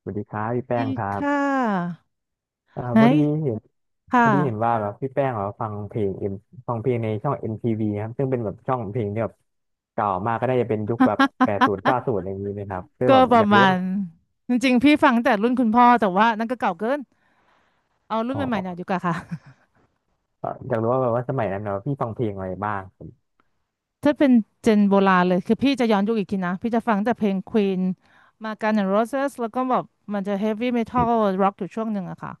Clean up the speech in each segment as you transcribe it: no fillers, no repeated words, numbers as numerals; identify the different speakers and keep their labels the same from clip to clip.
Speaker 1: สวัสดีครับพี่แป้
Speaker 2: ดี
Speaker 1: งครับ
Speaker 2: ค่ะ
Speaker 1: อ่า
Speaker 2: ไหน
Speaker 1: พอดีเห็น
Speaker 2: ค
Speaker 1: พอดีเห็น
Speaker 2: ่ะ
Speaker 1: ว่าแบบพี่แป้งแบบฟังเพลงในช่อง MTV ครับซึ่งเป็นแบบช่องเพลงที่แบบเก่ามากก็ได้จะเป็นยุคแบบแปดศูนย์เก้าศูนย์อะไรอย่างนี้นะครับซึ่ง
Speaker 2: ก็
Speaker 1: แบบ
Speaker 2: ป
Speaker 1: อ
Speaker 2: ระ
Speaker 1: ยาก
Speaker 2: มา
Speaker 1: รู้
Speaker 2: ณ
Speaker 1: ว่า
Speaker 2: จริงๆ พี่ฟังแต่รุ่นคุณพ่อ แต่ว่านั่นก็เก่าเกิน เอารุ่น
Speaker 1: อ๋อ
Speaker 2: ใหม่ๆหน่อยดีกว่าค่ะ
Speaker 1: อยากรู้ว่าแบบว่าสมัยนั้นแบบว่าพี่ฟังเพลงอะไรบ้างครับ
Speaker 2: ถ้าเป็นเจนโบราณเลยคือพี่จะย้อนยุคอีกทีนะ พี่จะฟังแต่เพลง Queen มากัน s N' Roses แล้วก็แบบมันจะ Heavy Metal Rock อยู่ช่วงหนึ่งอะค่ะ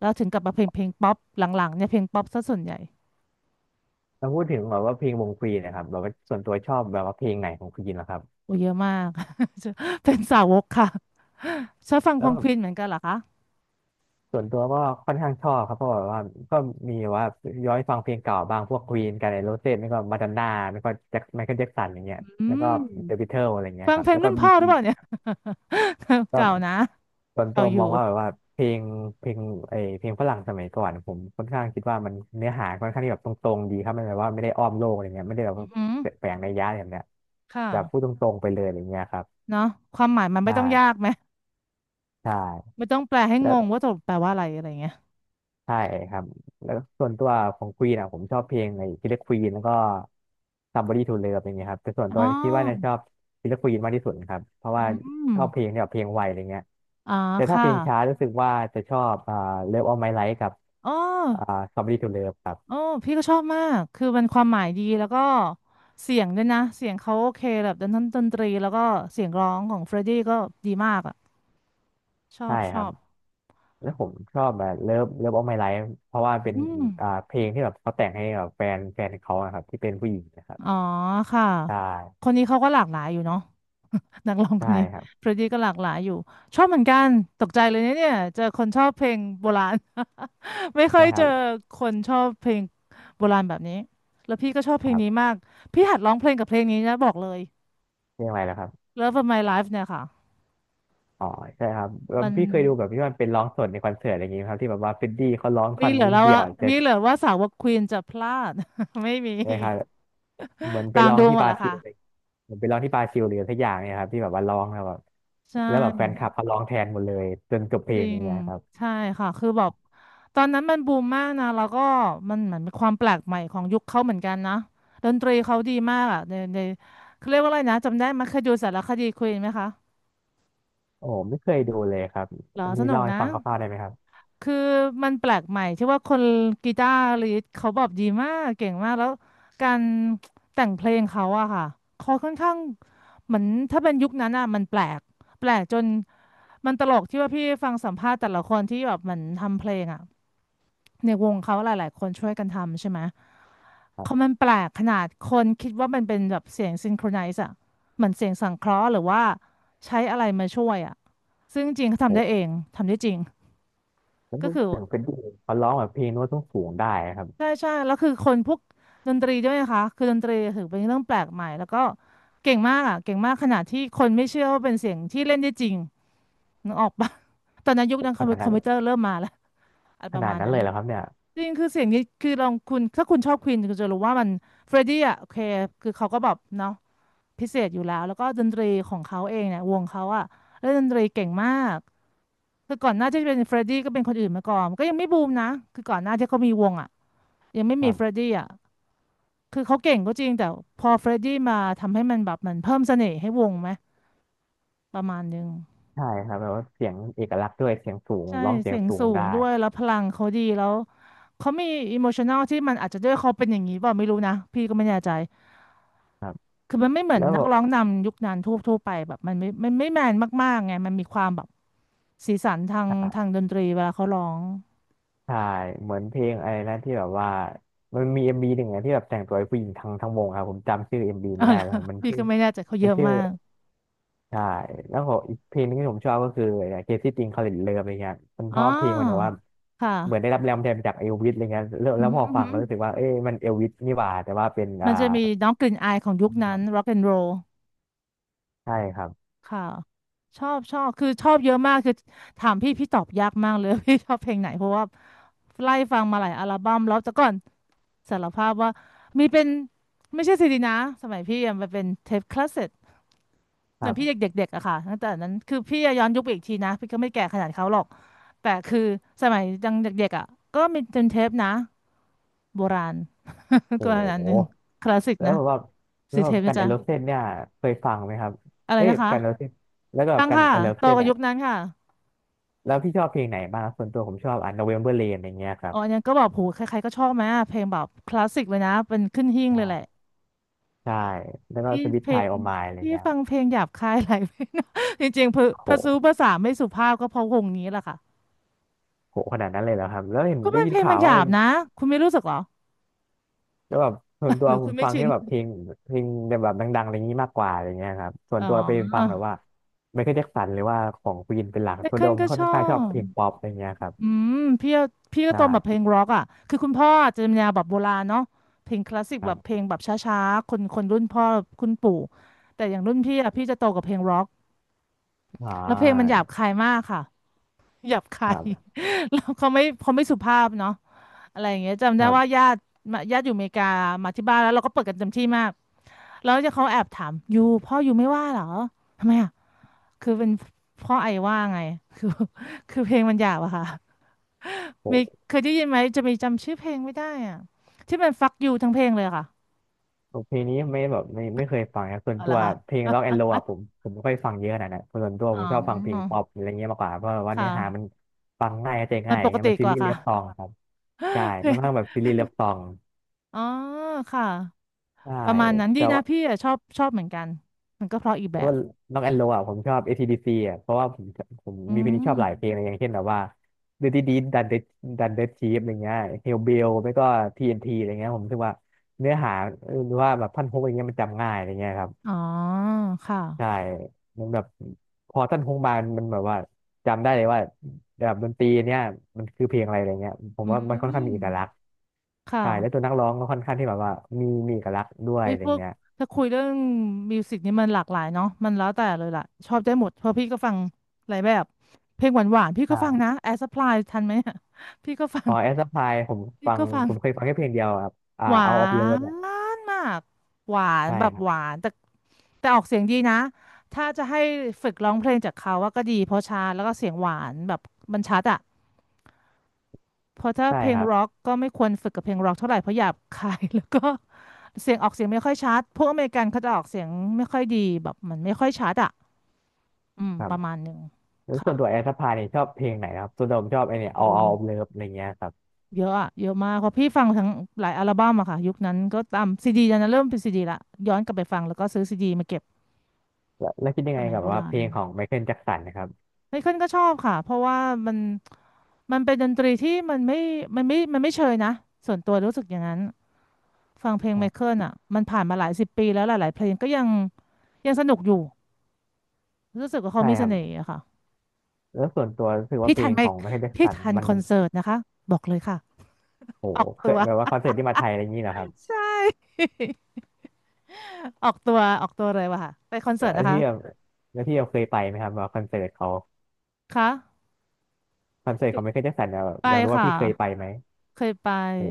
Speaker 2: แล้วถึงกลับมาเพลงป๊อปหลังๆเนี่ยเพลงป๊อปซะส่วนใหญ่
Speaker 1: แล้วพูดถึงแบบว่าเพลงวงควีนนะครับแบบว่าส่วนตัวชอบแบบว่าเพลงไหนของควีนนะครับ
Speaker 2: โอ้เยอะมาก เป็นสาวกค่ะชอบฟังค
Speaker 1: แล้
Speaker 2: ว
Speaker 1: ว
Speaker 2: ง Queen เหมือนกันเหรอคะ
Speaker 1: ส่วนตัวก็ค่อนข้างชอบครับเพราะแบบว่าก็มีว่าย้อนฟังเพลงเก่าบ้างพวกควีนกันไอโรเซ่ไม่ก็มาดอนน่าไม่ก็แจ็คไมเคิลแจ็คสันอย่างเงี้ย
Speaker 2: อื
Speaker 1: แล้วก็
Speaker 2: ม
Speaker 1: เดอะบิทเทิลอะไรเงี้ย
Speaker 2: ฟั
Speaker 1: ค
Speaker 2: ง
Speaker 1: รั
Speaker 2: เพ
Speaker 1: บ
Speaker 2: ลง
Speaker 1: แล้วก็
Speaker 2: รุ่น
Speaker 1: บี
Speaker 2: พ่อหรื
Speaker 1: จี
Speaker 2: อเปล่าเนี่ย
Speaker 1: ก็
Speaker 2: เก่านะ
Speaker 1: ส่วนตั
Speaker 2: เรา
Speaker 1: ว
Speaker 2: อ
Speaker 1: มอ
Speaker 2: ยู่
Speaker 1: งว่าแบบว่าเพลงเพลงเพลงฝรั่งสมัยก่อนผมค่อนข้างคิดว่ามันเนื้อหาค่อนข้างที่แบบตรงๆดีครับไม่แบบว่าไม่ได้อ้อมโลกอะไรเงี้ยไม่ได้แบบ
Speaker 2: อื
Speaker 1: ว่า
Speaker 2: อหือ
Speaker 1: แฝงในยยะอะไรแบบเนี้ย
Speaker 2: ค่ะ
Speaker 1: แบบพูดตรงๆไปเลยอย่างเงี้ยครับ
Speaker 2: เนาะความหมายมัน
Speaker 1: ใช
Speaker 2: ไม่ต้องยาก
Speaker 1: ่
Speaker 2: ไหม
Speaker 1: ใช่
Speaker 2: ไม่ต้องแปลให้ง
Speaker 1: แล้ว
Speaker 2: งว่าตกลงแปลว่าอะไรอะไรเงี้ย
Speaker 1: ใช่ครับแล้วส่วนตัวของควีนอ่ะผมชอบเพลงไอ้คิลเลอร์ควีนแล้วก็ Somebody to Love อย่างเงี้ยครับแต่ส่วนตั
Speaker 2: อ๋
Speaker 1: ว
Speaker 2: อ
Speaker 1: คิดว่าน่าจะชอบคิลเลอร์ควีนมากที่สุดครับเพราะ
Speaker 2: อื
Speaker 1: ว่า
Speaker 2: ม
Speaker 1: ชอบเพลงที่แบบเพลงไวอะไรเงี้ย
Speaker 2: อ่า
Speaker 1: แต่ถ้า
Speaker 2: ค่ะ
Speaker 1: เพลงช้ารู้สึกว่าจะชอบอ่า Love All My Life กับ
Speaker 2: อ๋อ
Speaker 1: อ่า Somebody to Love ครั
Speaker 2: อ๋อ
Speaker 1: บ
Speaker 2: พี่ก็ชอบมาก คือมันความหมายดีแล้วก็เสียงด้วยนะ เสียงเขาโอเคแบบดนตรีแล้วก็เสียงร้องของเฟรดดี้ก็ดีมากอ่ะชอ
Speaker 1: ใช่
Speaker 2: บช
Speaker 1: ครั
Speaker 2: อ
Speaker 1: บ
Speaker 2: บ
Speaker 1: แล้วผมชอบแบบเลิฟเลิฟออฟไมไลฟ์เพราะว่าเป็น
Speaker 2: อืม
Speaker 1: อ่าเพลงที่แบบเขาแต่งให้แบบแฟนเขาอะครับที่เป็นผู้หญิงนะครับ
Speaker 2: อ๋อค่ะ
Speaker 1: ใช่
Speaker 2: คนนี้เขาก็หลากหลายอยู่เนาะ นักร้องค
Speaker 1: ใช่
Speaker 2: นนี้
Speaker 1: ครับ
Speaker 2: เฟรดดี้ก็หลากหลายอยู่ชอบเหมือนกันตกใจเลยนะเนี่ยเจอคนชอบเพลงโบราณ ไม่ค่อ
Speaker 1: ใช่
Speaker 2: ย
Speaker 1: ค
Speaker 2: เจ
Speaker 1: รั
Speaker 2: อ
Speaker 1: บ
Speaker 2: คนชอบเพลงโบราณแบบนี้ แล้วพี่ก็ชอบเพ
Speaker 1: ค
Speaker 2: ลง
Speaker 1: รั
Speaker 2: นี้
Speaker 1: บ
Speaker 2: มาก พี่หัดร้องเพลงกับเพลงนี้นะบอกเลย
Speaker 1: เรื่องอะไรแล้วครับ
Speaker 2: Love of My Life เนี่ยค่ะ
Speaker 1: อ๋อใช่ครับแล้ว
Speaker 2: มัน
Speaker 1: พี่เคยดูแบบที่มันเป็นร้องสดในคอนเสิร์ตอะไรอย่างงี้ไหมครับที่แบบว่าเฟดดี้เขาร้อง
Speaker 2: มี
Speaker 1: ท่อน
Speaker 2: เหลือ
Speaker 1: นิด
Speaker 2: แล้ว
Speaker 1: เดียว
Speaker 2: ว่า
Speaker 1: เส
Speaker 2: มี
Speaker 1: ร็จ
Speaker 2: เหลือว่าสาวกควีนจะพลาด ไม่มี
Speaker 1: นะครับเหมือนไป
Speaker 2: ตาม
Speaker 1: ร้อง
Speaker 2: ดู
Speaker 1: ที่
Speaker 2: หม
Speaker 1: บ
Speaker 2: ด
Speaker 1: รา
Speaker 2: แล้ว
Speaker 1: ซิลเลย
Speaker 2: ค่ะ
Speaker 1: เหมือนไปร้องที่บราซิลหรือสักอย่างเนี่ยครับที่แบบว่าร้องแล้วแบบ
Speaker 2: ใช
Speaker 1: แล้วแบบแฟนคลั
Speaker 2: ่
Speaker 1: บเขาร้องแทนหมดเลยจนจบเพล
Speaker 2: จ
Speaker 1: ง
Speaker 2: ริ
Speaker 1: อย่าง
Speaker 2: ง
Speaker 1: เงี้ยครับ
Speaker 2: ใช่ค่ะ คือแบบตอนนั้นมันบูมมากนะ แล้วก็มันเหมือนมีความแปลกใหม่ของยุคเขาเหมือนกันนะดนตรีเขาดีมากอ่ะในเขาเรียกว่าอะไรนะจำได้ไหมเคยดูสารคดีควีนไหมคะ
Speaker 1: โอ้ไม่เคยดูเลยครับ
Speaker 2: เหรอ
Speaker 1: อัน
Speaker 2: ส
Speaker 1: นี้
Speaker 2: นุก
Speaker 1: เล่าให้
Speaker 2: นะ
Speaker 1: ฟังคร่าวๆได้ไหมครับ
Speaker 2: คือมันแปลกใหม่ที่ว่าคนกีตาร์ลิสเขาแบบดีมากเก่งมากแล้วการแต่งเพลงเขาอะค่ะเขาค่อนข้างเหมือนถ้าเป็นยุคนั้นอะมันแปลกจนมันตลกที่ว่าพี่ฟังสัมภาษณ์แต่ละคนที่แบบเหมือนทำเพลงอะในวงเขาหลายๆคนช่วยกันทำใช่ไหมเขามันแปลกขนาดคนคิดว่ามันเป็นแบบเสียงซินโครไนซ์อะเหมือนเสียงสังเคราะห์หรือว่าใช้อะไรมาช่วยอะซึ่งจริงๆเขา
Speaker 1: โอ
Speaker 2: ทำได้เอ
Speaker 1: ้
Speaker 2: งทำได้จริง
Speaker 1: แล้ว
Speaker 2: ก็คือ
Speaker 1: ถึงเฟดดี้เขาร้องแบบเพลงโน้ตต้องสูงๆได้ครับ
Speaker 2: ใช่ใช่แล้วคือคนพวกดนตรีด้วยนะคะคือดนตรีถือเป็นเรื่องแปลกใหม่แล้วก็เก่งมากอ่ะเก่งมากขนาดที่คนไม่เชื่อว่าเป็นเสียงที่เล่นได้จริงนึกออกปะ ตอนนั้นยุคนั้น
Speaker 1: ข
Speaker 2: คอม
Speaker 1: นา
Speaker 2: พิว
Speaker 1: ด
Speaker 2: คอ
Speaker 1: นั้
Speaker 2: ม
Speaker 1: น
Speaker 2: พิวเตอร์เริ่มมาแล้วอะไรประมาณนั้
Speaker 1: เล
Speaker 2: น
Speaker 1: ยเหรอครับเนี่ย
Speaker 2: จริงคือเสียงนี้คือลองคุณถ้าคุณชอบควีนคุณจะรู้ว่ามันเฟรดดี้อ่ะโอเคคือเขาก็แบบเนาะพิเศษอยู่แล้วแล้วก็ดนตรีของเขาเองเนี่ยวงเขาอ่ะเล่นดนตรีเก่งมากคือก่อนหน้าที่จะเป็นเฟรดดี้ก็เป็นคนอื่นมาก่อนก็ยังไม่บูมนะคือก่อนหน้าที่เขามีวงอ่ะยังไม่
Speaker 1: ค
Speaker 2: มี
Speaker 1: รั
Speaker 2: เฟรด
Speaker 1: บ
Speaker 2: ดี้อ่ะ คือเขาเก่งก็จริงแต่พอเฟรดดี้มาทำให้มันแบบมันเพิ่มเสน่ห์ให้วงไหมประมาณนึง
Speaker 1: ใช่ครับแบบว่าเสียงเอกลักษณ์ด้วยเสียงสูง
Speaker 2: ใช่
Speaker 1: ร้องเสีย
Speaker 2: เสี
Speaker 1: ง
Speaker 2: ยง
Speaker 1: สูง
Speaker 2: สูง
Speaker 1: ได้
Speaker 2: ด้วยแล้วพลังเขาดีแล้วเขามีอิโมชัน a ลที่มันอาจจะด้วยเขาเป็นอย่างนี้เปล่าไม่รู้นะพี่ก็ไม่แน่ใจ
Speaker 1: ครับ
Speaker 2: คือมันไม่เหมือน
Speaker 1: แล้ว
Speaker 2: นักร้องนำยุคนั้นทั่วๆไปแบบมันไม่แมนมากๆไงมันมีความแบบสีสันทางดนตรีเวลาเขาร้อง
Speaker 1: ใช่เหมือนเพลงอะไรนะที่แบบว่ามันมีเอ็มบีหนึ่งอะที่แบบแต่งตัวให้ผู้หญิงทั้งวงครับผมจำชื่อเอ็มบี
Speaker 2: อ๋อ
Speaker 1: ไม่ได้
Speaker 2: เหรอ
Speaker 1: แล้วครับมัน
Speaker 2: พี่
Speaker 1: ชื่อ
Speaker 2: ก็ไม่แน่ใจเขาเย
Speaker 1: มัน
Speaker 2: อะ
Speaker 1: ชื่อ
Speaker 2: มาก
Speaker 1: ใช่แล้วก็อีกเพลงหนึงที่ผมชอบก็คือเคซี่ติงคอลินเลิฟอะไรเงี้ยมันเพ
Speaker 2: อ๋อ
Speaker 1: ราะเพลงมันแบบว่า
Speaker 2: ค่ะ
Speaker 1: เหมือนได้รับแรงบันดาลใจมาจากเอลวิสอะไรเงี้ยแล้ว
Speaker 2: อื
Speaker 1: แล้
Speaker 2: อ
Speaker 1: วพ
Speaker 2: หือ
Speaker 1: อ
Speaker 2: อือ
Speaker 1: ฟัง
Speaker 2: หือ
Speaker 1: ก็รู้สึกว่าเอ้ยมันเอลวิสนี่หว่าแต่ว่าเป็น
Speaker 2: มั
Speaker 1: อ่า
Speaker 2: นจะมีน้องกลิ่นอายของยุคนั้น rock and roll
Speaker 1: ใช่ครับ
Speaker 2: ค่ะชอบคือชอบเยอะมากคือถามพี่พี่ตอบยากมากเลย พี่ชอบเพลงไหนเพราะว่าไล่ฟังมาหลายอัลบั้มแล้วแต่ก่อนสารภาพว่ามีเป็นไม่ใช่ซีดีนะสมัยพี่อะมันเป็นเทปคาสเซ็ต
Speaker 1: ค
Speaker 2: เหมือ
Speaker 1: รั
Speaker 2: นพี่
Speaker 1: บ
Speaker 2: เด็กๆอะค่ะตั้งแต่นั้นคือพี่อะย้อนยุคไปอีกทีนะพี่ก็ไม่แก่ขนาดเขาหรอกแต่คือสมัยยังเด็กๆอะก็มีเป็นเทปนะโบราณ
Speaker 1: โอ้
Speaker 2: ก็อัน
Speaker 1: โห
Speaker 2: หนึ่งคลาสสิก
Speaker 1: แล้ว
Speaker 2: นะ
Speaker 1: แบบว่าแล้
Speaker 2: สี
Speaker 1: วแบ
Speaker 2: เท
Speaker 1: บ
Speaker 2: ป
Speaker 1: กั
Speaker 2: นะ
Speaker 1: นเอ
Speaker 2: จ๊ะ
Speaker 1: โรเซนเนี่ยเคยฟังไหมครับ
Speaker 2: อะไร
Speaker 1: เอ้ย
Speaker 2: นะคะ
Speaker 1: กันเอโรเซนแล้วก็แบบ
Speaker 2: ตั้ง
Speaker 1: กัน
Speaker 2: ค่ะ
Speaker 1: เอโร
Speaker 2: โต
Speaker 1: เซน
Speaker 2: กับ
Speaker 1: อ่ะ
Speaker 2: ยุคนั้นค่ะ
Speaker 1: แล้วพี่ชอบเพลงไหนบ้างครับส่วนตัวผมชอบอ่ะ November Rain อะไรเงี้ยครั
Speaker 2: อ๋
Speaker 1: บ
Speaker 2: ออันนั้นก็แบบโหใครๆก็ชอบไหมอะเพลงแบบคลาสสิกเลยนะ เป็นขึ้นหิ้ง
Speaker 1: ใช่
Speaker 2: เลยแหละ
Speaker 1: ใช่แล้วก็
Speaker 2: พี่
Speaker 1: สวิต
Speaker 2: เพล
Speaker 1: ชายโอ
Speaker 2: ง
Speaker 1: มายอะไร
Speaker 2: พี่
Speaker 1: เงี้ย
Speaker 2: ฟังเพลงหยาบคายหลายเพลงนะ จริงๆเพอพอซู
Speaker 1: โห
Speaker 2: ภาษาไม่สุภาพก็เพราะวงนี้แหละค่ะ
Speaker 1: โหขนาดนั้นเลยเหรอครับแล้วเห็น
Speaker 2: ก็
Speaker 1: ได้
Speaker 2: มัน
Speaker 1: ยิ
Speaker 2: เพ
Speaker 1: น
Speaker 2: ลง
Speaker 1: ข่า
Speaker 2: มัน
Speaker 1: ว
Speaker 2: ห
Speaker 1: ว่า
Speaker 2: ยา
Speaker 1: เป็
Speaker 2: บ
Speaker 1: น
Speaker 2: นะ คุณไม่รู้สึกเหรอ
Speaker 1: แล้วแบบส่วน ตั
Speaker 2: ห
Speaker 1: ว
Speaker 2: รือ
Speaker 1: ผ
Speaker 2: คุณ
Speaker 1: ม
Speaker 2: ไม่
Speaker 1: ฟัง
Speaker 2: ชิ
Speaker 1: แค่
Speaker 2: น
Speaker 1: แบบเพลงแบบดังๆอะไรงี้มากกว่าอะไรเงี้ยครับส่วน
Speaker 2: อ๋
Speaker 1: ตัวไป
Speaker 2: อ
Speaker 1: ฟังแบบว่าไมเคิลแจ็คสันหรือว่าของควีนเป็นหลัก
Speaker 2: แมค
Speaker 1: ส่วน
Speaker 2: เคิ
Speaker 1: ตั
Speaker 2: ล
Speaker 1: วผ
Speaker 2: ก็
Speaker 1: มค่อ
Speaker 2: ช
Speaker 1: น
Speaker 2: อ
Speaker 1: ข้างชอบ
Speaker 2: บ
Speaker 1: เพลงป๊อปอะไรเงี้ยครับ
Speaker 2: อืม พี่พี่ก็โตมาแบบเพล
Speaker 1: ใช่
Speaker 2: งร็อกอ่ะคือคุณพ่อจะเป็นแนวแบบโบราณเนาะเพลงคลาสสิก
Speaker 1: ค
Speaker 2: แบ
Speaker 1: รั
Speaker 2: บเพล
Speaker 1: บ
Speaker 2: งแบบช้าๆคนรุ่นพ่อคุณปู่แต่อย่างรุ่นพี่อ่ะพี่จะโตกับเพลงร็อก
Speaker 1: อ
Speaker 2: แล้วเพลงมันหยาบ
Speaker 1: ่า
Speaker 2: คายมากค่ะ หยาบ
Speaker 1: ค
Speaker 2: คา
Speaker 1: รั
Speaker 2: ย
Speaker 1: บครับ
Speaker 2: แล้วเขาไม่สุภาพเนาะอะไรอย่างเงี้ยจำ
Speaker 1: ค
Speaker 2: ได้
Speaker 1: รั
Speaker 2: ว่า
Speaker 1: บ
Speaker 2: ญาติมาญาติอยู่อเมริกามาที่บ้านแล้วเราก็เปิดกันเต็มที่มากแล้วจะเขาแอบถามยูพ่อยูไม่ว่าเหรอทำไมอ่ะคือเป็นพ่อไอว่าไงคือคือเพลงมันหยาบอะค่ะมี
Speaker 1: โห
Speaker 2: เคยได้ยินไหมจะมีจำชื่อเพลงไม่ได้อ่ะที่มันฟักยูทั้งเพลงเลยค่ะ
Speaker 1: เพลงนี้ไม่แบบไม่ไม่เคยฟังนะส่วน
Speaker 2: เอา
Speaker 1: ตั
Speaker 2: ละ
Speaker 1: วเพ
Speaker 2: ค่ะ
Speaker 1: ลงร็อกแอนด์โรอะผมไม่ค่อยฟังเยอะขนาดนั้นส่วนตัวผ
Speaker 2: อ๋
Speaker 1: มชอบฟังเพลง
Speaker 2: อ
Speaker 1: ป๊อปอะไรเงี้ยมากกว่าเพราะว่าเนื้อหามัน
Speaker 2: ค่ะ
Speaker 1: ฟังง่ายเข้าใจ
Speaker 2: มั
Speaker 1: ง่า
Speaker 2: น
Speaker 1: ยอ
Speaker 2: ป
Speaker 1: ย่าง
Speaker 2: ก
Speaker 1: เงี้ย
Speaker 2: ติ
Speaker 1: มันซี
Speaker 2: กว่า
Speaker 1: รีส์เลิ
Speaker 2: ค่ะ
Speaker 1: ฟซองอะครับใช่
Speaker 2: เพล
Speaker 1: มันค่อนข้า
Speaker 2: ง
Speaker 1: งแบบซีรีส์เลิฟซอง
Speaker 2: อ๋อค่ะ
Speaker 1: ใช่
Speaker 2: ประมาณนั้นดี
Speaker 1: แต่
Speaker 2: นะ
Speaker 1: ว่า
Speaker 2: พี่อะชอบชอบเหมือนกันมันก็เพราะอีกแบ
Speaker 1: แต่
Speaker 2: บ
Speaker 1: ว่าร็อกแอนด์โรอะผมชอบ a ี d c อ่ะเพราะว่าผม
Speaker 2: อื
Speaker 1: มีเพลงที่ช
Speaker 2: ม
Speaker 1: อบหลายเพลงเลยอย่างเช่นแบบว่าดูดีดีดันเดดันเดชีฟอะไรเงี้ยเฮลเบลไม่ก็ TNT อนทีอะไรเงี้ยผมรู้สึกว่าเนื้อหาหรือว่าแบบท่อนฮุกอะไรเงี้ยมันจำง่ายอะไรเงี้ยครับ
Speaker 2: อ๋อค่ะ
Speaker 1: ใช่มันแบบพอท่านฮงบานมันแบบว่าจำได้เลยว่าแบบดนตรีเนี่ยมันคือเพลงอะไรอะไรเงี้ยผม
Speaker 2: อื
Speaker 1: ว่ามันค่อน
Speaker 2: ม
Speaker 1: ข้างมีเอกลักษณ์
Speaker 2: ค่ะ
Speaker 1: ใช่แล้วตัวนักร้องก็ค่อนข้างที่แบบว่ามีเอกลักษณ์ด้วย
Speaker 2: เอ้ย
Speaker 1: อะไร
Speaker 2: พวก
Speaker 1: เงี้ย
Speaker 2: ถ้าคุยเรื่องมิวสิกนี่มันหลากหลายเนาะมันแล้วแต่เลยล่ะชอบได้หมด เพราะพี่ก็ฟังหลายแบบ เพลงหวานหวานพี่ก็ฟังนะ
Speaker 1: อ่า
Speaker 2: แอร์ u ั p พลายทันไหมอะ พี่ก็ฟัง
Speaker 1: อ๋อแอสพายผม
Speaker 2: พี่
Speaker 1: ฟัง
Speaker 2: ก็ฟัง
Speaker 1: ผมเคยฟังแค่เพลงเดียวครับ
Speaker 2: หวา
Speaker 1: เอาออฟเลิฟ
Speaker 2: น
Speaker 1: อ่ะ
Speaker 2: มาก หวาน
Speaker 1: ใช่
Speaker 2: แบบ
Speaker 1: ครั
Speaker 2: ห
Speaker 1: บ
Speaker 2: วานแต่แต่ออกเสียงดีนะ ถ้าจะให้ฝึกร้องเพลงจากเขา ว่าก็ดีเพราะช้าแล้วก็เสียงหวานแบบมันชัดอะ เพราะถ้า
Speaker 1: ใช่
Speaker 2: เพล
Speaker 1: ค
Speaker 2: ง
Speaker 1: รับ
Speaker 2: ร็อกก็ไม่ควรฝึกกับเพลงร็อกเท่าไหร่เพราะหยาบคาย แล้วก็เสียงออกเสียงไม่ค่อยชัดพวกอเมริกันเขาจะออกเสียงไม่ค่อยดีแบบมันไม่ค่อยชัดอ่ะอืม
Speaker 1: ครั
Speaker 2: ป
Speaker 1: บ
Speaker 2: ระมาณหนึ่ง
Speaker 1: แล้วส่
Speaker 2: ค่ะ
Speaker 1: วนตัวแอสพายเนี่ยชอบเพลงไหนครับส่วนตัวผมชอบไอเนี่ยเอา
Speaker 2: โอ้
Speaker 1: เอาออฟเลิฟอะไรเงี้ยครับ
Speaker 2: เยอะอะเยอะมากเพราะพี่ฟังทั้งหลายอัลบั้มอะค่ะยุคนั้นก็ตามซีดีนันเริ่มเป็นซีดีละย้อนกลับไปฟังแล้วก็ซื้อซีดีมาเก็บ
Speaker 1: แล้วคิดยั
Speaker 2: ส
Speaker 1: งไง
Speaker 2: มัย
Speaker 1: กับ
Speaker 2: โบ
Speaker 1: ว่า
Speaker 2: รา
Speaker 1: เพ
Speaker 2: ณ
Speaker 1: ลงของไมเคิลแจ็คสันนะครับ
Speaker 2: ไมเคิลก็ชอบค่ะเพราะว่ามันมันเป็นดนตรีที่มันไม่มันไม่เชยนะส่วนตัวรู้สึกอย่างนั้น ฟังเพลงไมเคิลอ่ะมันผ่านมาหลายสิบปีแล้วหลายๆเพลงก็ยังยังสนุกอยู่รู้สึกว่าเขา
Speaker 1: ใช่
Speaker 2: มี
Speaker 1: ค
Speaker 2: เส
Speaker 1: รั
Speaker 2: น่
Speaker 1: บ
Speaker 2: ห์อะค่ะ
Speaker 1: แล้วส่วนตัวรู้สึกว่า
Speaker 2: พี่
Speaker 1: เพล
Speaker 2: ทัน
Speaker 1: ง
Speaker 2: ไหม
Speaker 1: ของไมเคิลแจ็ค
Speaker 2: พี่
Speaker 1: สัน
Speaker 2: ทัน
Speaker 1: มัน
Speaker 2: คอนเสิร์ตนะคะบอกเลยค่ะ
Speaker 1: โอ้
Speaker 2: อ
Speaker 1: โห
Speaker 2: อก
Speaker 1: เค
Speaker 2: ตั
Speaker 1: ย
Speaker 2: ว
Speaker 1: แบบว่าคอนเสิร์ตที่มาไทยอะไรอย่างนี้เหรอครับ
Speaker 2: ใช่ ออกตัวออกตัวเลยว่ะค่ะไปคอน
Speaker 1: แล้
Speaker 2: เสิร์ต
Speaker 1: ว
Speaker 2: นะ
Speaker 1: พี่แบบ
Speaker 2: คะ
Speaker 1: แล้วพี่แบบเคยไปไหมครับว่าคอนเสิร์ตเขา
Speaker 2: คะ
Speaker 1: คอนเสิร์ตของไมเคิลแจ็คสันเนี่ยแบบ
Speaker 2: ไป
Speaker 1: อยากรู้ว่า
Speaker 2: ค่ะ
Speaker 1: พี่เคยไปไหม
Speaker 2: เคยไป
Speaker 1: โอ้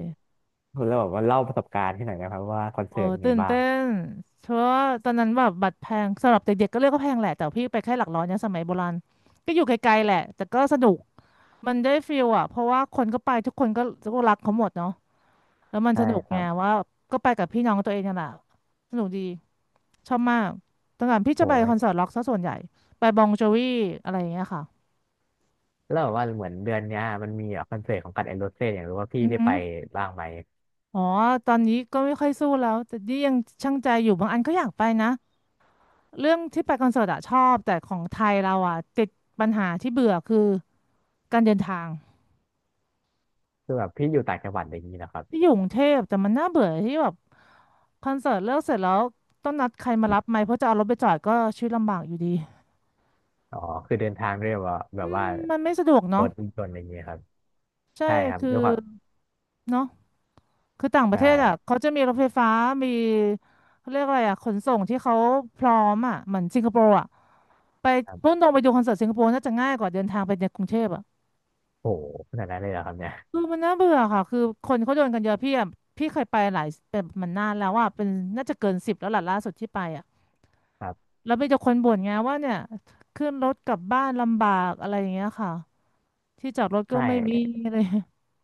Speaker 1: โหแล้วแบบว่าเล่าประสบการณ์ที่ไหนอยนะครับว่าคอน
Speaker 2: โอ้
Speaker 1: เสิร์ตเป็นไง
Speaker 2: ตื่น
Speaker 1: บ้า
Speaker 2: เต้
Speaker 1: ง
Speaker 2: นเพราะว่าตอนนั้นแบบบัตรแพงสำหรับเด็กๆก็เรียกก็แพงแหละแต่พี่ไปแค่หลักร้อยเนี่ยสมัยโบราณก็อยู่ไกลๆแหละแต่ก็สนุก มันได้ฟีลอะเพราะว่าคนก็ไปทุกคนก็ก็รักเขาหมดเนาะ แล้วมัน
Speaker 1: ใช่
Speaker 2: สนุก
Speaker 1: ค
Speaker 2: ไง
Speaker 1: รับ
Speaker 2: ว่าก็ไปกับพี่น้องตัวเองนั่นแหละสนุกดีชอบมากตั้งแต่พี่จะ
Speaker 1: โอ้
Speaker 2: ไป
Speaker 1: ย
Speaker 2: คอนเสิร์ตร็อกซะส่วนใหญ่ไปบองโจวีอะไรอย่างเงี้ยค่ะ
Speaker 1: แล้วแบบว่าเหมือนเดือนเนี้ยมันมีแบบคอนเสิร์ตของกันแอนโรเซ่อยากรู้ว่าพี่
Speaker 2: อือ
Speaker 1: ได้
Speaker 2: หื
Speaker 1: ไป
Speaker 2: อ
Speaker 1: บ้างไหม
Speaker 2: อ๋อตอนนี้ก็ไม่ค่อยสู้แล้วแต่นี่ยังชั่งใจอยู่บางอันก็อยากไปนะเรื่องที่ไปคอนเสิร์ตอะชอบแต่ของไทยเราอะติดปัญหาที่เบื่อคือการเดินทาง
Speaker 1: คือแบบพี่อยู่ต่างจังหวัดอะไรอย่างนี้นะครับ
Speaker 2: ที่อยู่กรุงเทพแต่มันน่าเบื่อที่แบบ คอนเสิร์ตเลิกเสร็จแล้วต้องนัดใครมารับไหมเพราะจะเอารถไปจอดก็ชีวิตลำบากอยู่ดี
Speaker 1: อ๋อคือเดินทางด้วยแบบว่าแบ
Speaker 2: อื
Speaker 1: บ
Speaker 2: ม
Speaker 1: ว่า
Speaker 2: มันไม่สะดวก
Speaker 1: ร
Speaker 2: เนาะ
Speaker 1: ถยนต์อะไรอย่างนี้ครับ
Speaker 2: ใช่
Speaker 1: ใช่ครับ
Speaker 2: คือ
Speaker 1: ด้วยความ
Speaker 2: เนาะคือต่างประ
Speaker 1: ใช่
Speaker 2: เทศอ่ะเขาจะมีรถไฟฟ้ามีเขาเรียกอะไรอ่ะขนส่งที่เขาพร้อมอ่ะเหมือนสิงคโปร์อ่ะไป
Speaker 1: ครั
Speaker 2: พุ่ง
Speaker 1: บ
Speaker 2: ตรงไปดูคอนเสิร์ตสิงคโปร์น่าจะง่ายกว่าเดินทางไปในกรุงเทพอ่ะ
Speaker 1: โอ้โหขนาดนั้นเลยเหรอครับเนี่ย
Speaker 2: คือมันน่าเบื่อค่ะคือคนเขาโดนกันเยอะพี่อ่ะพี่เคยไปหลายเป็นมันนานแล้วอ่ะเป็นน่าจะเกินสิบแล้วล่ะล่าสุดที่ไปอ่ะ
Speaker 1: ครับ
Speaker 2: แล้วมีแต่คนบ่นไงว่าเนี่ยขึ้นรถกลับบ้านลำบากอะไรอย่างเงี้ยค่ะ ที่จอดรถ
Speaker 1: ใช
Speaker 2: ก็ไม่มี
Speaker 1: ่
Speaker 2: อะไร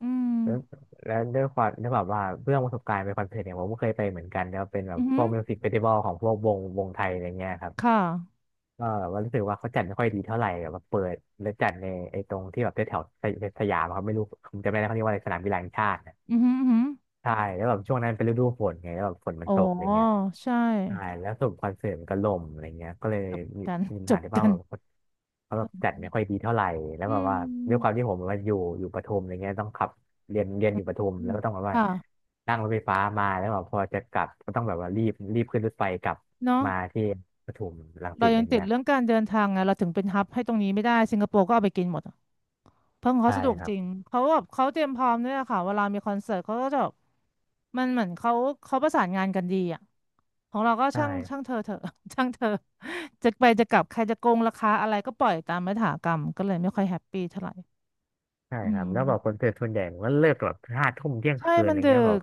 Speaker 2: อืม
Speaker 1: แล้วแล้วด้วยแบบว่าเรื่องประสบการณ์ไปคอนเสิร์ตเนี่ยผมก็เคยไปเหมือนกันแล้วเป็นแบ
Speaker 2: อื
Speaker 1: บ
Speaker 2: อ
Speaker 1: พ
Speaker 2: หื
Speaker 1: ว
Speaker 2: อ
Speaker 1: กมิวสิกเฟสติวัลของพวกวงไทยอะไรเงี้ยครับ
Speaker 2: ค่ะ
Speaker 1: ก็แบบว่ารู้สึกว่าเขาจัดไม่ค่อยดีเท่าไหร่แบบเปิดแล้วจัดในไอ้ตรงที่แบบแถวๆสยามอะครับไม่รู้ผมจำไม่ได้เขาเรียกว่าอะไรสนามกีฬาแห่งชาตินะ
Speaker 2: อือหืออือหือ
Speaker 1: ใช่แล้วแบบช่วงนั้นเป็นฤดูฝนไงแล้วแบบฝนมั
Speaker 2: อ๋
Speaker 1: น
Speaker 2: อ
Speaker 1: ตกอะไรเงี้ย
Speaker 2: ใช่
Speaker 1: ใช่แล้วสรุปคอนเสิร์ตมันก็ล่มอะไรเงี้ยก็เลย
Speaker 2: จบ
Speaker 1: มี
Speaker 2: กัน
Speaker 1: มีปัญ
Speaker 2: จ
Speaker 1: หา
Speaker 2: บ
Speaker 1: ที่ว่า
Speaker 2: กัน
Speaker 1: แบบเขาแบบจัด
Speaker 2: อ
Speaker 1: ไม่ค่อยดีเท่าไหร่แล้ว
Speaker 2: อื
Speaker 1: แบบว่าด้วยควา
Speaker 2: ม
Speaker 1: มที่ผมแบบว่าอยู่ประทุมอะไรเงี้ยต้องขับเรียนอยู่ประทุม
Speaker 2: อื
Speaker 1: แล้ว
Speaker 2: ม
Speaker 1: ก็ต้องแบบว่า
Speaker 2: ค่ะ
Speaker 1: นั่งรถไฟฟ้ามาแล้วแบบพอจะกลับก็ต้องแบบว่ารีบขึ้นรถไฟกลับ
Speaker 2: เนาะ
Speaker 1: มาที่ปทุมรังสิ
Speaker 2: เรา
Speaker 1: ตอะ
Speaker 2: ยั
Speaker 1: ไร
Speaker 2: งติด
Speaker 1: เงี้ย
Speaker 2: เรื่องการเดินทางไงเราถึงเป็นฮับให้ตรงนี้ไม่ได้สิงคโปร์ก็เอาไปกินหมด เพิ่งเขา
Speaker 1: ใช่
Speaker 2: สะดวก
Speaker 1: ครั
Speaker 2: จ
Speaker 1: บ
Speaker 2: ริงเขาแบบเขาเตรียมพร้อมด้วยอะค่ะเวลามีคอนเสิร์ตเขาก็จะแบบมันเหมือนเขาเขาประสานงานกันดีอ่ะของเราก็
Speaker 1: ใช่
Speaker 2: ช่างช่างเธอเถอะ ช่างเธอจะไปจะกลับใครจะโกงราคาอะไรก็ปล่อยตามยถากรรมก็เลยไม่ค่อยแฮปปี้เท่าไหร่
Speaker 1: ใช่
Speaker 2: อื
Speaker 1: ครับแล้วแบบคอน
Speaker 2: ม
Speaker 1: เสิร์ตส่วนใหญ่มันก็เลิกแบบห้าทุ่มเที่ยง
Speaker 2: ใช่
Speaker 1: คืนอะไรเงี้ยแบบ
Speaker 2: ก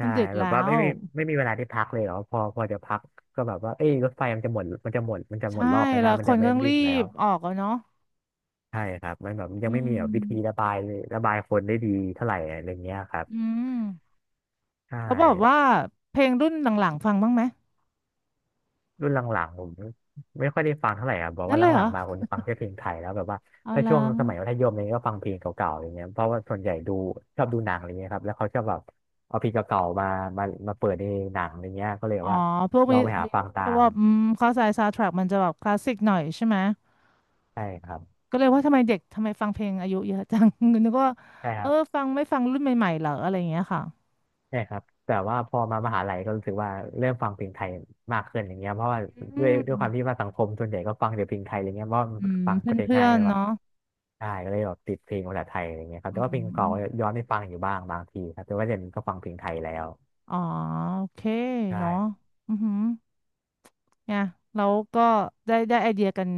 Speaker 2: มั
Speaker 1: ่
Speaker 2: นดึก
Speaker 1: แบบ
Speaker 2: แล้
Speaker 1: ว่าไม่
Speaker 2: ว
Speaker 1: มีไม่มีเวลาที่พักเลยเหรอพอจะพักก็แบบว่าเอ้ยรถไฟมันจะหมดมันจะหมดมันจะหม
Speaker 2: ใช่
Speaker 1: ดรอบแล้ว
Speaker 2: แล้
Speaker 1: นะ
Speaker 2: ว
Speaker 1: มั
Speaker 2: ค
Speaker 1: นจะ
Speaker 2: นก็
Speaker 1: ไม่
Speaker 2: ต้อง
Speaker 1: วิ่
Speaker 2: รี
Speaker 1: งแล้
Speaker 2: บ
Speaker 1: ว
Speaker 2: ออกอะเนาะ
Speaker 1: ใช่ครับมันแบบยั
Speaker 2: อื
Speaker 1: งไม่มีแบบวิธีระ
Speaker 2: ม
Speaker 1: บายระบายคนได้ดีเท่าไหร่อะไรเงี้ยครับ
Speaker 2: อืม
Speaker 1: ใช่
Speaker 2: แล้วบอกว่าเพลงรุ่นหลังๆฟังบ้างไหม
Speaker 1: รุ่นหลังๆผมไม่ค่อยได้ฟังเท่าไหร่ครับบอก
Speaker 2: นั่น
Speaker 1: ว่าห
Speaker 2: เลยเหร
Speaker 1: ลัง
Speaker 2: อ
Speaker 1: ๆมาผมจะฟังแค่เพลงไทยแล้วแบบว่า
Speaker 2: เอา
Speaker 1: ถ้า
Speaker 2: ละ
Speaker 1: ช่วงสมัยมัธยมเนี่ยก็ฟังเพลงเก่าๆอย่างเงี้ยเพราะว่าส่วนใหญ่ดูชอบดูหนังอะไรเงี้ยครับแล้วเขาชอบแบบเอาเพลงเก่าๆมาเปิดในหนังอะไรเงี้ยก็เลย
Speaker 2: อ๋อ
Speaker 1: ว่า
Speaker 2: พวก
Speaker 1: ล
Speaker 2: มี
Speaker 1: องไปหา
Speaker 2: มี
Speaker 1: ฟังตา
Speaker 2: เพราะ
Speaker 1: ม
Speaker 2: ว่าอืมเข้าใจซาวด์แทร็กมันจะแบบคลาสสิกหน่อยใช่ไหม
Speaker 1: ใช่ครับ
Speaker 2: ก็เลยว่าทำไมเด็กทำไมฟังเพลงอายุเยอะจัง นึกว่า
Speaker 1: ใช่ค
Speaker 2: เออ
Speaker 1: รับ
Speaker 2: ฟังไม่ฟังรุ่นใหม่ๆเหรออะไรอย่างเงี้ยค่ะ
Speaker 1: ใช่ครับแต่ว่าพอมามหาลัยก็รู้สึกว่าเริ่มฟังเพลงไทยมากขึ้นอย่างเงี้ยเพราะว่าด้
Speaker 2: อื
Speaker 1: วย
Speaker 2: ม
Speaker 1: ด้วยความที่ว่าสังคมส่วนใหญ่ก็ฟังแต่เพลงไทยอะไรเงี้ยเพราะว่ามัน
Speaker 2: อืม
Speaker 1: ฟังก็จะ
Speaker 2: เพื่
Speaker 1: ง่า
Speaker 2: อ
Speaker 1: ยก็
Speaker 2: น
Speaker 1: เล
Speaker 2: ๆ
Speaker 1: ยว่า
Speaker 2: เนาะ
Speaker 1: ได้ก็เลยแบบติดเพลงภาษาไทยอะไรเงี้ยครับ
Speaker 2: อื
Speaker 1: แต่ว่าเพลงเก่า
Speaker 2: ม
Speaker 1: ก็ย้อนไปฟังอยู่บ้างบางทีครับแต่ว่าเดี๋ยวนี้ก็ฟังเพลงไทยแล้ว
Speaker 2: อ๋อโอเค
Speaker 1: ใช่
Speaker 2: เนาะอือหือเนี่ยแล้วก็ได้ไอเดียกัน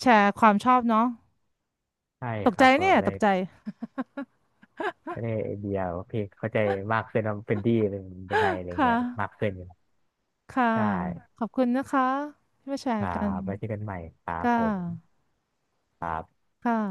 Speaker 2: แชร์ความชอบเนาะ
Speaker 1: ใช่
Speaker 2: ตก
Speaker 1: ครั
Speaker 2: ใจ
Speaker 1: บก็แบ
Speaker 2: เนี่ย
Speaker 1: บได้
Speaker 2: ตกใจ
Speaker 1: ได้ไอเดียว่าเพลงเข้าใจมากขึ้นว่าเป็นดีเป็นยังไงอะไร
Speaker 2: ค่
Speaker 1: เงี้ยมาก
Speaker 2: ะ
Speaker 1: ขึ้นอยู่ครับ
Speaker 2: ค่ะ
Speaker 1: ใช่
Speaker 2: ขอบคุณนะคะที่มาแช
Speaker 1: ค
Speaker 2: ร์
Speaker 1: รั
Speaker 2: กัน
Speaker 1: บไว้เจอกันใหม่ครับ
Speaker 2: ค่ะ
Speaker 1: ผม
Speaker 2: ค่ะ